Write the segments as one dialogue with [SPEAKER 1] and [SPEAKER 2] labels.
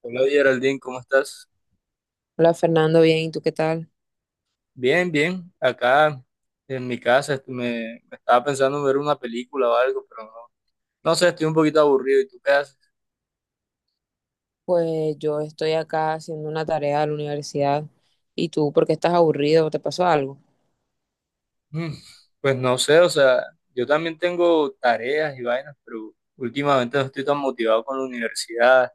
[SPEAKER 1] Hola Geraldine, ¿cómo estás?
[SPEAKER 2] Hola Fernando, bien, ¿y tú qué tal?
[SPEAKER 1] Bien, bien. Acá en mi casa me estaba pensando en ver una película o algo, pero no, no sé, estoy un poquito aburrido. ¿Y tú qué haces?
[SPEAKER 2] Pues yo estoy acá haciendo una tarea de la universidad. ¿Y tú por qué estás aburrido? ¿Te pasó algo?
[SPEAKER 1] Mm, Pues no sé, o sea, yo también tengo tareas y vainas, pero últimamente no estoy tan motivado con la universidad.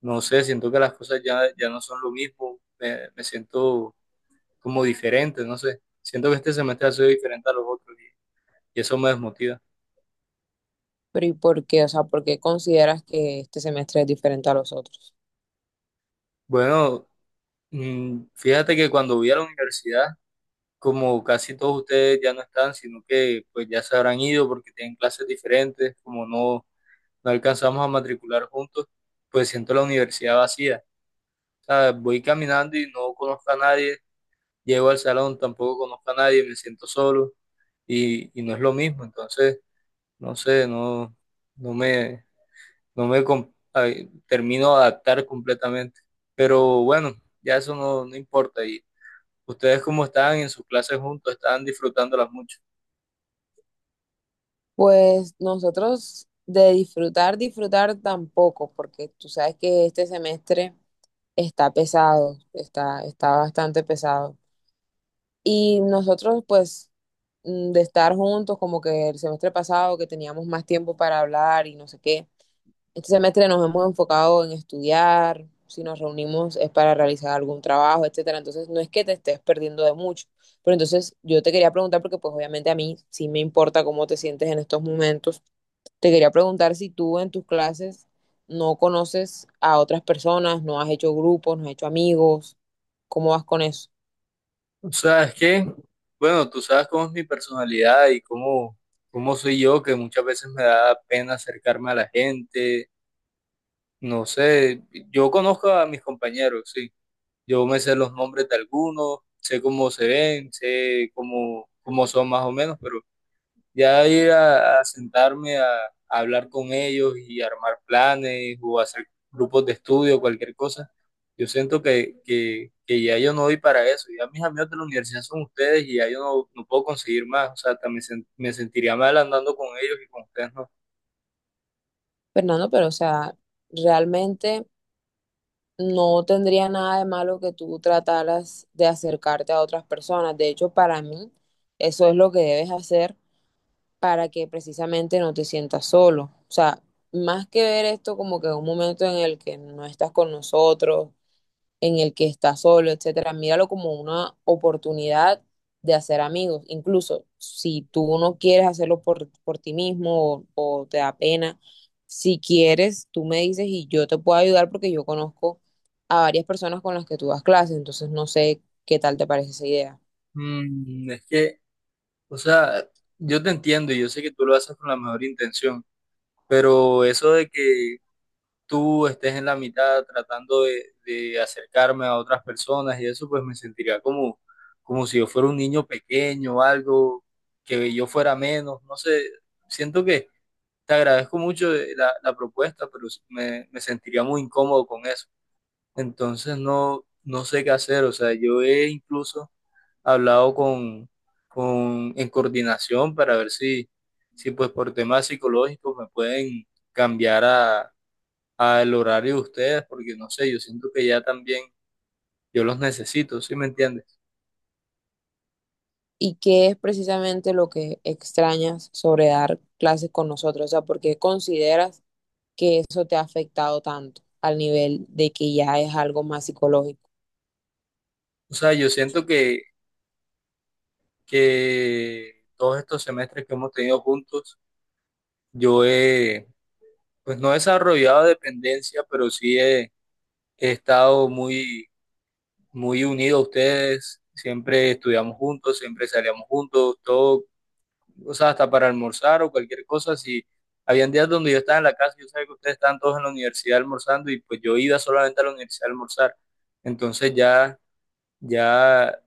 [SPEAKER 1] No sé, siento que las cosas ya no son lo mismo. Me siento como diferente, no sé. Siento que este semestre ha sido diferente a los otros y eso me desmotiva.
[SPEAKER 2] Pero ¿y por qué? O sea, ¿por qué consideras que este semestre es diferente a los otros?
[SPEAKER 1] Bueno, fíjate que cuando voy a la universidad como casi todos ustedes ya no están, sino que pues ya se habrán ido porque tienen clases diferentes, como no alcanzamos a matricular juntos, pues siento la universidad vacía. O sea, voy caminando y no conozco a nadie, llego al salón, tampoco conozco a nadie, me siento solo y no es lo mismo. Entonces, no sé, no, no me, ay, termino de adaptar completamente. Pero bueno, ya eso no importa. ¿Y ustedes cómo están en sus clases juntos? ¿Están disfrutándolas mucho?
[SPEAKER 2] Pues nosotros de disfrutar, disfrutar tampoco, porque tú sabes que este semestre está pesado, está bastante pesado. Y nosotros pues de estar juntos, como que el semestre pasado que teníamos más tiempo para hablar y no sé qué. Este semestre nos hemos enfocado en estudiar, si nos reunimos es para realizar algún trabajo, etcétera. Entonces, no es que te estés perdiendo de mucho, pero entonces yo te quería preguntar, porque pues obviamente a mí sí me importa cómo te sientes en estos momentos, te quería preguntar si tú en tus clases no conoces a otras personas, no has hecho grupos, no has hecho amigos, ¿cómo vas con eso?
[SPEAKER 1] ¿Sabes qué? Bueno, tú sabes cómo es mi personalidad y cómo soy yo, que muchas veces me da pena acercarme a la gente. No sé, yo conozco a mis compañeros, sí. Yo me sé los nombres de algunos, sé cómo se ven, sé cómo son más o menos, pero ya ir a sentarme a hablar con ellos y armar planes o hacer grupos de estudio, cualquier cosa. Yo siento que ya yo no doy para eso. Ya mis amigos de la universidad son ustedes y ya yo no, no puedo conseguir más. O sea, también me sentiría mal andando con ellos y con ustedes no.
[SPEAKER 2] Fernando, pero o sea, realmente no tendría nada de malo que tú trataras de acercarte a otras personas. De hecho, para mí, eso es lo que debes hacer para que precisamente no te sientas solo. O sea, más que ver esto como que un momento en el que no estás con nosotros, en el que está solo, etcétera, míralo como una oportunidad de hacer amigos. Incluso si tú no quieres hacerlo por ti mismo o te da pena, si quieres, tú me dices y yo te puedo ayudar porque yo conozco a varias personas con las que tú das clases, entonces no sé qué tal te parece esa idea.
[SPEAKER 1] Es que, o sea, yo te entiendo y yo sé que tú lo haces con la mejor intención, pero eso de que tú estés en la mitad tratando de acercarme a otras personas y eso, pues me sentiría como, como si yo fuera un niño pequeño o algo, que yo fuera menos, no sé, siento que te agradezco mucho la propuesta, pero me sentiría muy incómodo con eso. Entonces no, no sé qué hacer, o sea, yo he incluso hablado en coordinación para ver si, si pues por temas psicológicos me pueden cambiar al horario de ustedes, porque no sé, yo siento que ya también yo los necesito, ¿sí me entiendes?
[SPEAKER 2] ¿Y qué es precisamente lo que extrañas sobre dar clases con nosotros? O sea, ¿por qué consideras que eso te ha afectado tanto al nivel de que ya es algo más psicológico?
[SPEAKER 1] O sea, yo siento que todos estos semestres que hemos tenido juntos, yo he, pues no he desarrollado dependencia, pero sí he, he estado muy unido a ustedes, siempre estudiamos juntos, siempre salíamos juntos, todo o sea, hasta para almorzar o cualquier cosa, si habían días donde yo estaba en la casa, yo sabía que ustedes estaban todos en la universidad almorzando y pues yo iba solamente a la universidad a almorzar. Entonces ya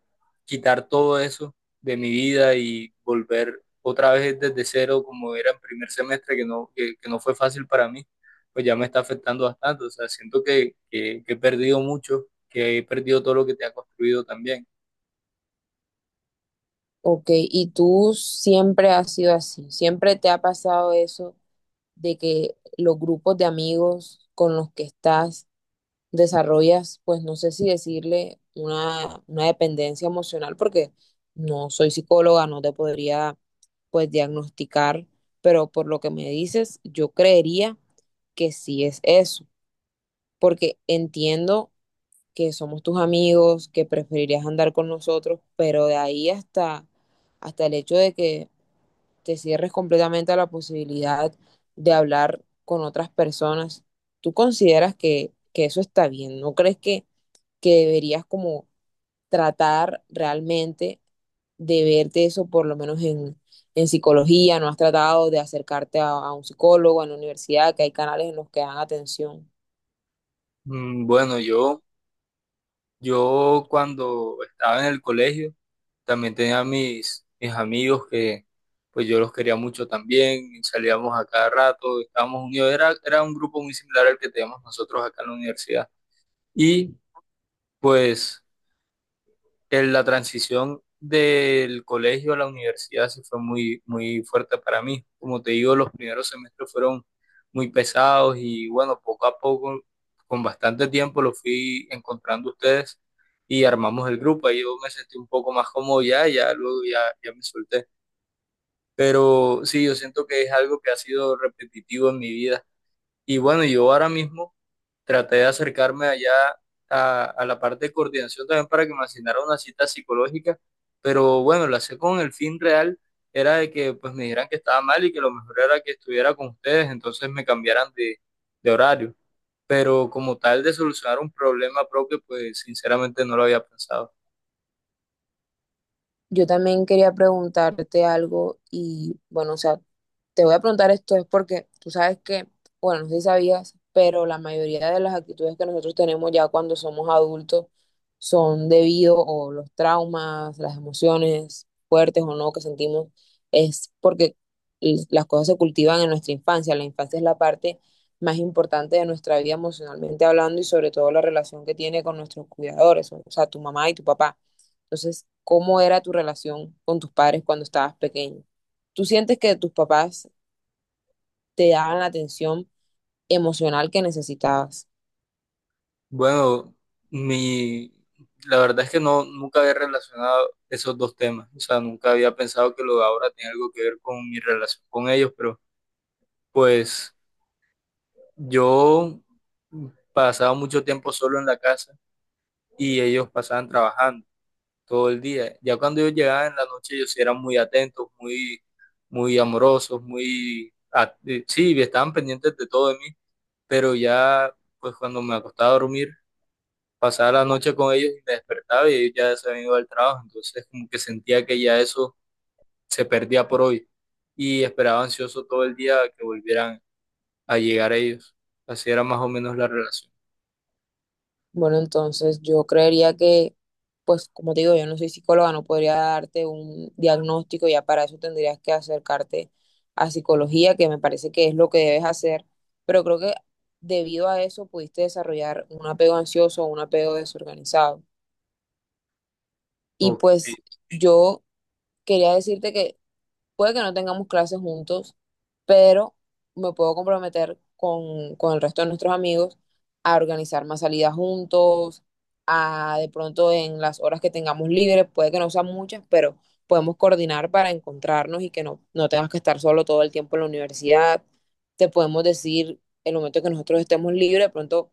[SPEAKER 1] quitar todo eso de mi vida y volver otra vez desde cero como era en primer semestre, que no, que no fue fácil para mí, pues ya me está afectando bastante. O sea, siento que he perdido mucho, que he perdido todo lo que te ha construido también.
[SPEAKER 2] Ok, y tú siempre has sido así, siempre te ha pasado eso de que los grupos de amigos con los que estás desarrollas, pues no sé si decirle una dependencia emocional, porque no soy psicóloga, no te podría pues diagnosticar, pero por lo que me dices, yo creería que sí es eso, porque entiendo que somos tus amigos, que preferirías andar con nosotros, pero de ahí hasta, hasta el hecho de que te cierres completamente a la posibilidad de hablar con otras personas. ¿Tú consideras que eso está bien? ¿No crees que deberías como tratar realmente de verte eso, por lo menos en psicología? ¿No has tratado de acercarte a un psicólogo, en la universidad, que hay canales en los que dan atención?
[SPEAKER 1] Bueno, yo cuando estaba en el colegio también tenía mis amigos que pues yo los quería mucho también, y salíamos a cada rato, estábamos unidos, era un grupo muy similar al que teníamos nosotros acá en la universidad. Y pues en la transición del colegio a la universidad sí fue muy fuerte para mí. Como te digo, los primeros semestres fueron muy pesados y bueno, poco a poco, con bastante tiempo, lo fui encontrando ustedes y armamos el grupo. Ahí yo me sentí un poco más cómodo ya, ya luego ya me solté. Pero sí, yo siento que es algo que ha sido repetitivo en mi vida. Y bueno, yo ahora mismo traté de acercarme allá a la parte de coordinación también para que me asignara una cita psicológica, pero bueno, la sé con el fin real era de que pues me dijeran que estaba mal y que lo mejor era que estuviera con ustedes, entonces me cambiaran de horario. Pero como tal de solucionar un problema propio, pues sinceramente no lo había pensado.
[SPEAKER 2] Yo también quería preguntarte algo y bueno, o sea, te voy a preguntar esto es porque tú sabes que, bueno, no sé si sabías, pero la mayoría de las actitudes que nosotros tenemos ya cuando somos adultos son debido o los traumas, las emociones fuertes o no que sentimos, es porque las cosas se cultivan en nuestra infancia. La infancia es la parte más importante de nuestra vida emocionalmente hablando y sobre todo la relación que tiene con nuestros cuidadores, o sea, tu mamá y tu papá. Entonces, ¿cómo era tu relación con tus padres cuando estabas pequeño? ¿Tú sientes que tus papás te daban la atención emocional que necesitabas?
[SPEAKER 1] Bueno, mi, la verdad es que no, nunca había relacionado esos dos temas, o sea, nunca había pensado que lo de ahora tiene algo que ver con mi relación con ellos, pero pues yo pasaba mucho tiempo solo en la casa y ellos pasaban trabajando todo el día. Ya cuando ellos llegaban en la noche, ellos sí eran muy atentos, muy amorosos, sí, estaban pendientes de todo de mí, pero ya, pues cuando me acostaba a dormir, pasaba la noche con ellos y me despertaba y ellos ya se habían ido al trabajo. Entonces, como que sentía que ya eso se perdía por hoy y esperaba ansioso todo el día que volvieran a llegar ellos. Así era más o menos la relación.
[SPEAKER 2] Bueno, entonces yo creería que, pues como te digo, yo no soy psicóloga, no podría darte un diagnóstico, ya para eso tendrías que acercarte a psicología, que me parece que es lo que debes hacer, pero creo que debido a eso pudiste desarrollar un apego ansioso o un apego desorganizado. Y
[SPEAKER 1] Ok.
[SPEAKER 2] pues yo quería decirte que puede que no tengamos clases juntos, pero me puedo comprometer con el resto de nuestros amigos a organizar más salidas juntos, a de pronto en las horas que tengamos libres, puede que no sean muchas, pero podemos coordinar para encontrarnos y que no, no tengas que estar solo todo el tiempo en la universidad. Te podemos decir el momento que nosotros estemos libres, de pronto,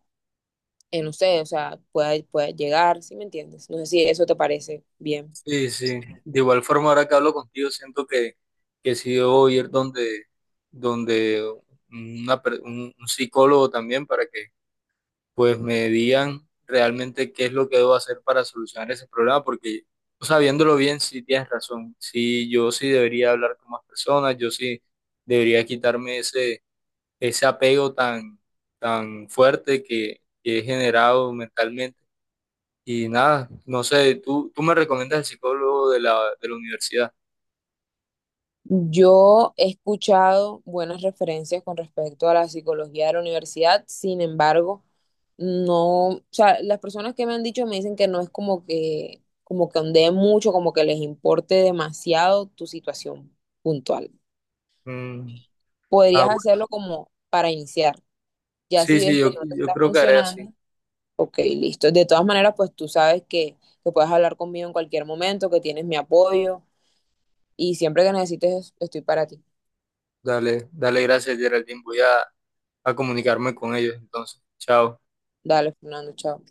[SPEAKER 2] no sé, o sea, pueda llegar, ¿si me entiendes? No sé si eso te parece bien.
[SPEAKER 1] Sí, sí. De igual forma, ahora que hablo contigo, siento que sí debo ir donde un psicólogo también para que pues me digan realmente qué es lo que debo hacer para solucionar ese problema, porque o sea, viéndolo bien, sí tienes razón. Sí, yo sí debería hablar con más personas, yo sí debería quitarme ese apego tan fuerte que he generado mentalmente y nada, no sé, tú me recomiendas el psicólogo de de la universidad.
[SPEAKER 2] Yo he escuchado buenas referencias con respecto a la psicología de la universidad, sin embargo, no, o sea, las personas que me han dicho me dicen que no es como que ondeen mucho, como que les importe demasiado tu situación puntual.
[SPEAKER 1] Mm, ah,
[SPEAKER 2] Podrías
[SPEAKER 1] bueno.
[SPEAKER 2] hacerlo como para iniciar. Ya si
[SPEAKER 1] Sí, sí,
[SPEAKER 2] ves que no te
[SPEAKER 1] yo
[SPEAKER 2] está
[SPEAKER 1] creo que haré así.
[SPEAKER 2] funcionando, ok, listo. De todas maneras, pues tú sabes que puedes hablar conmigo en cualquier momento, que tienes mi apoyo y siempre que necesites, estoy para ti.
[SPEAKER 1] Dale, dale gracias, Geraldine. Voy a comunicarme con ellos entonces. Chao.
[SPEAKER 2] Dale, Fernando, chao.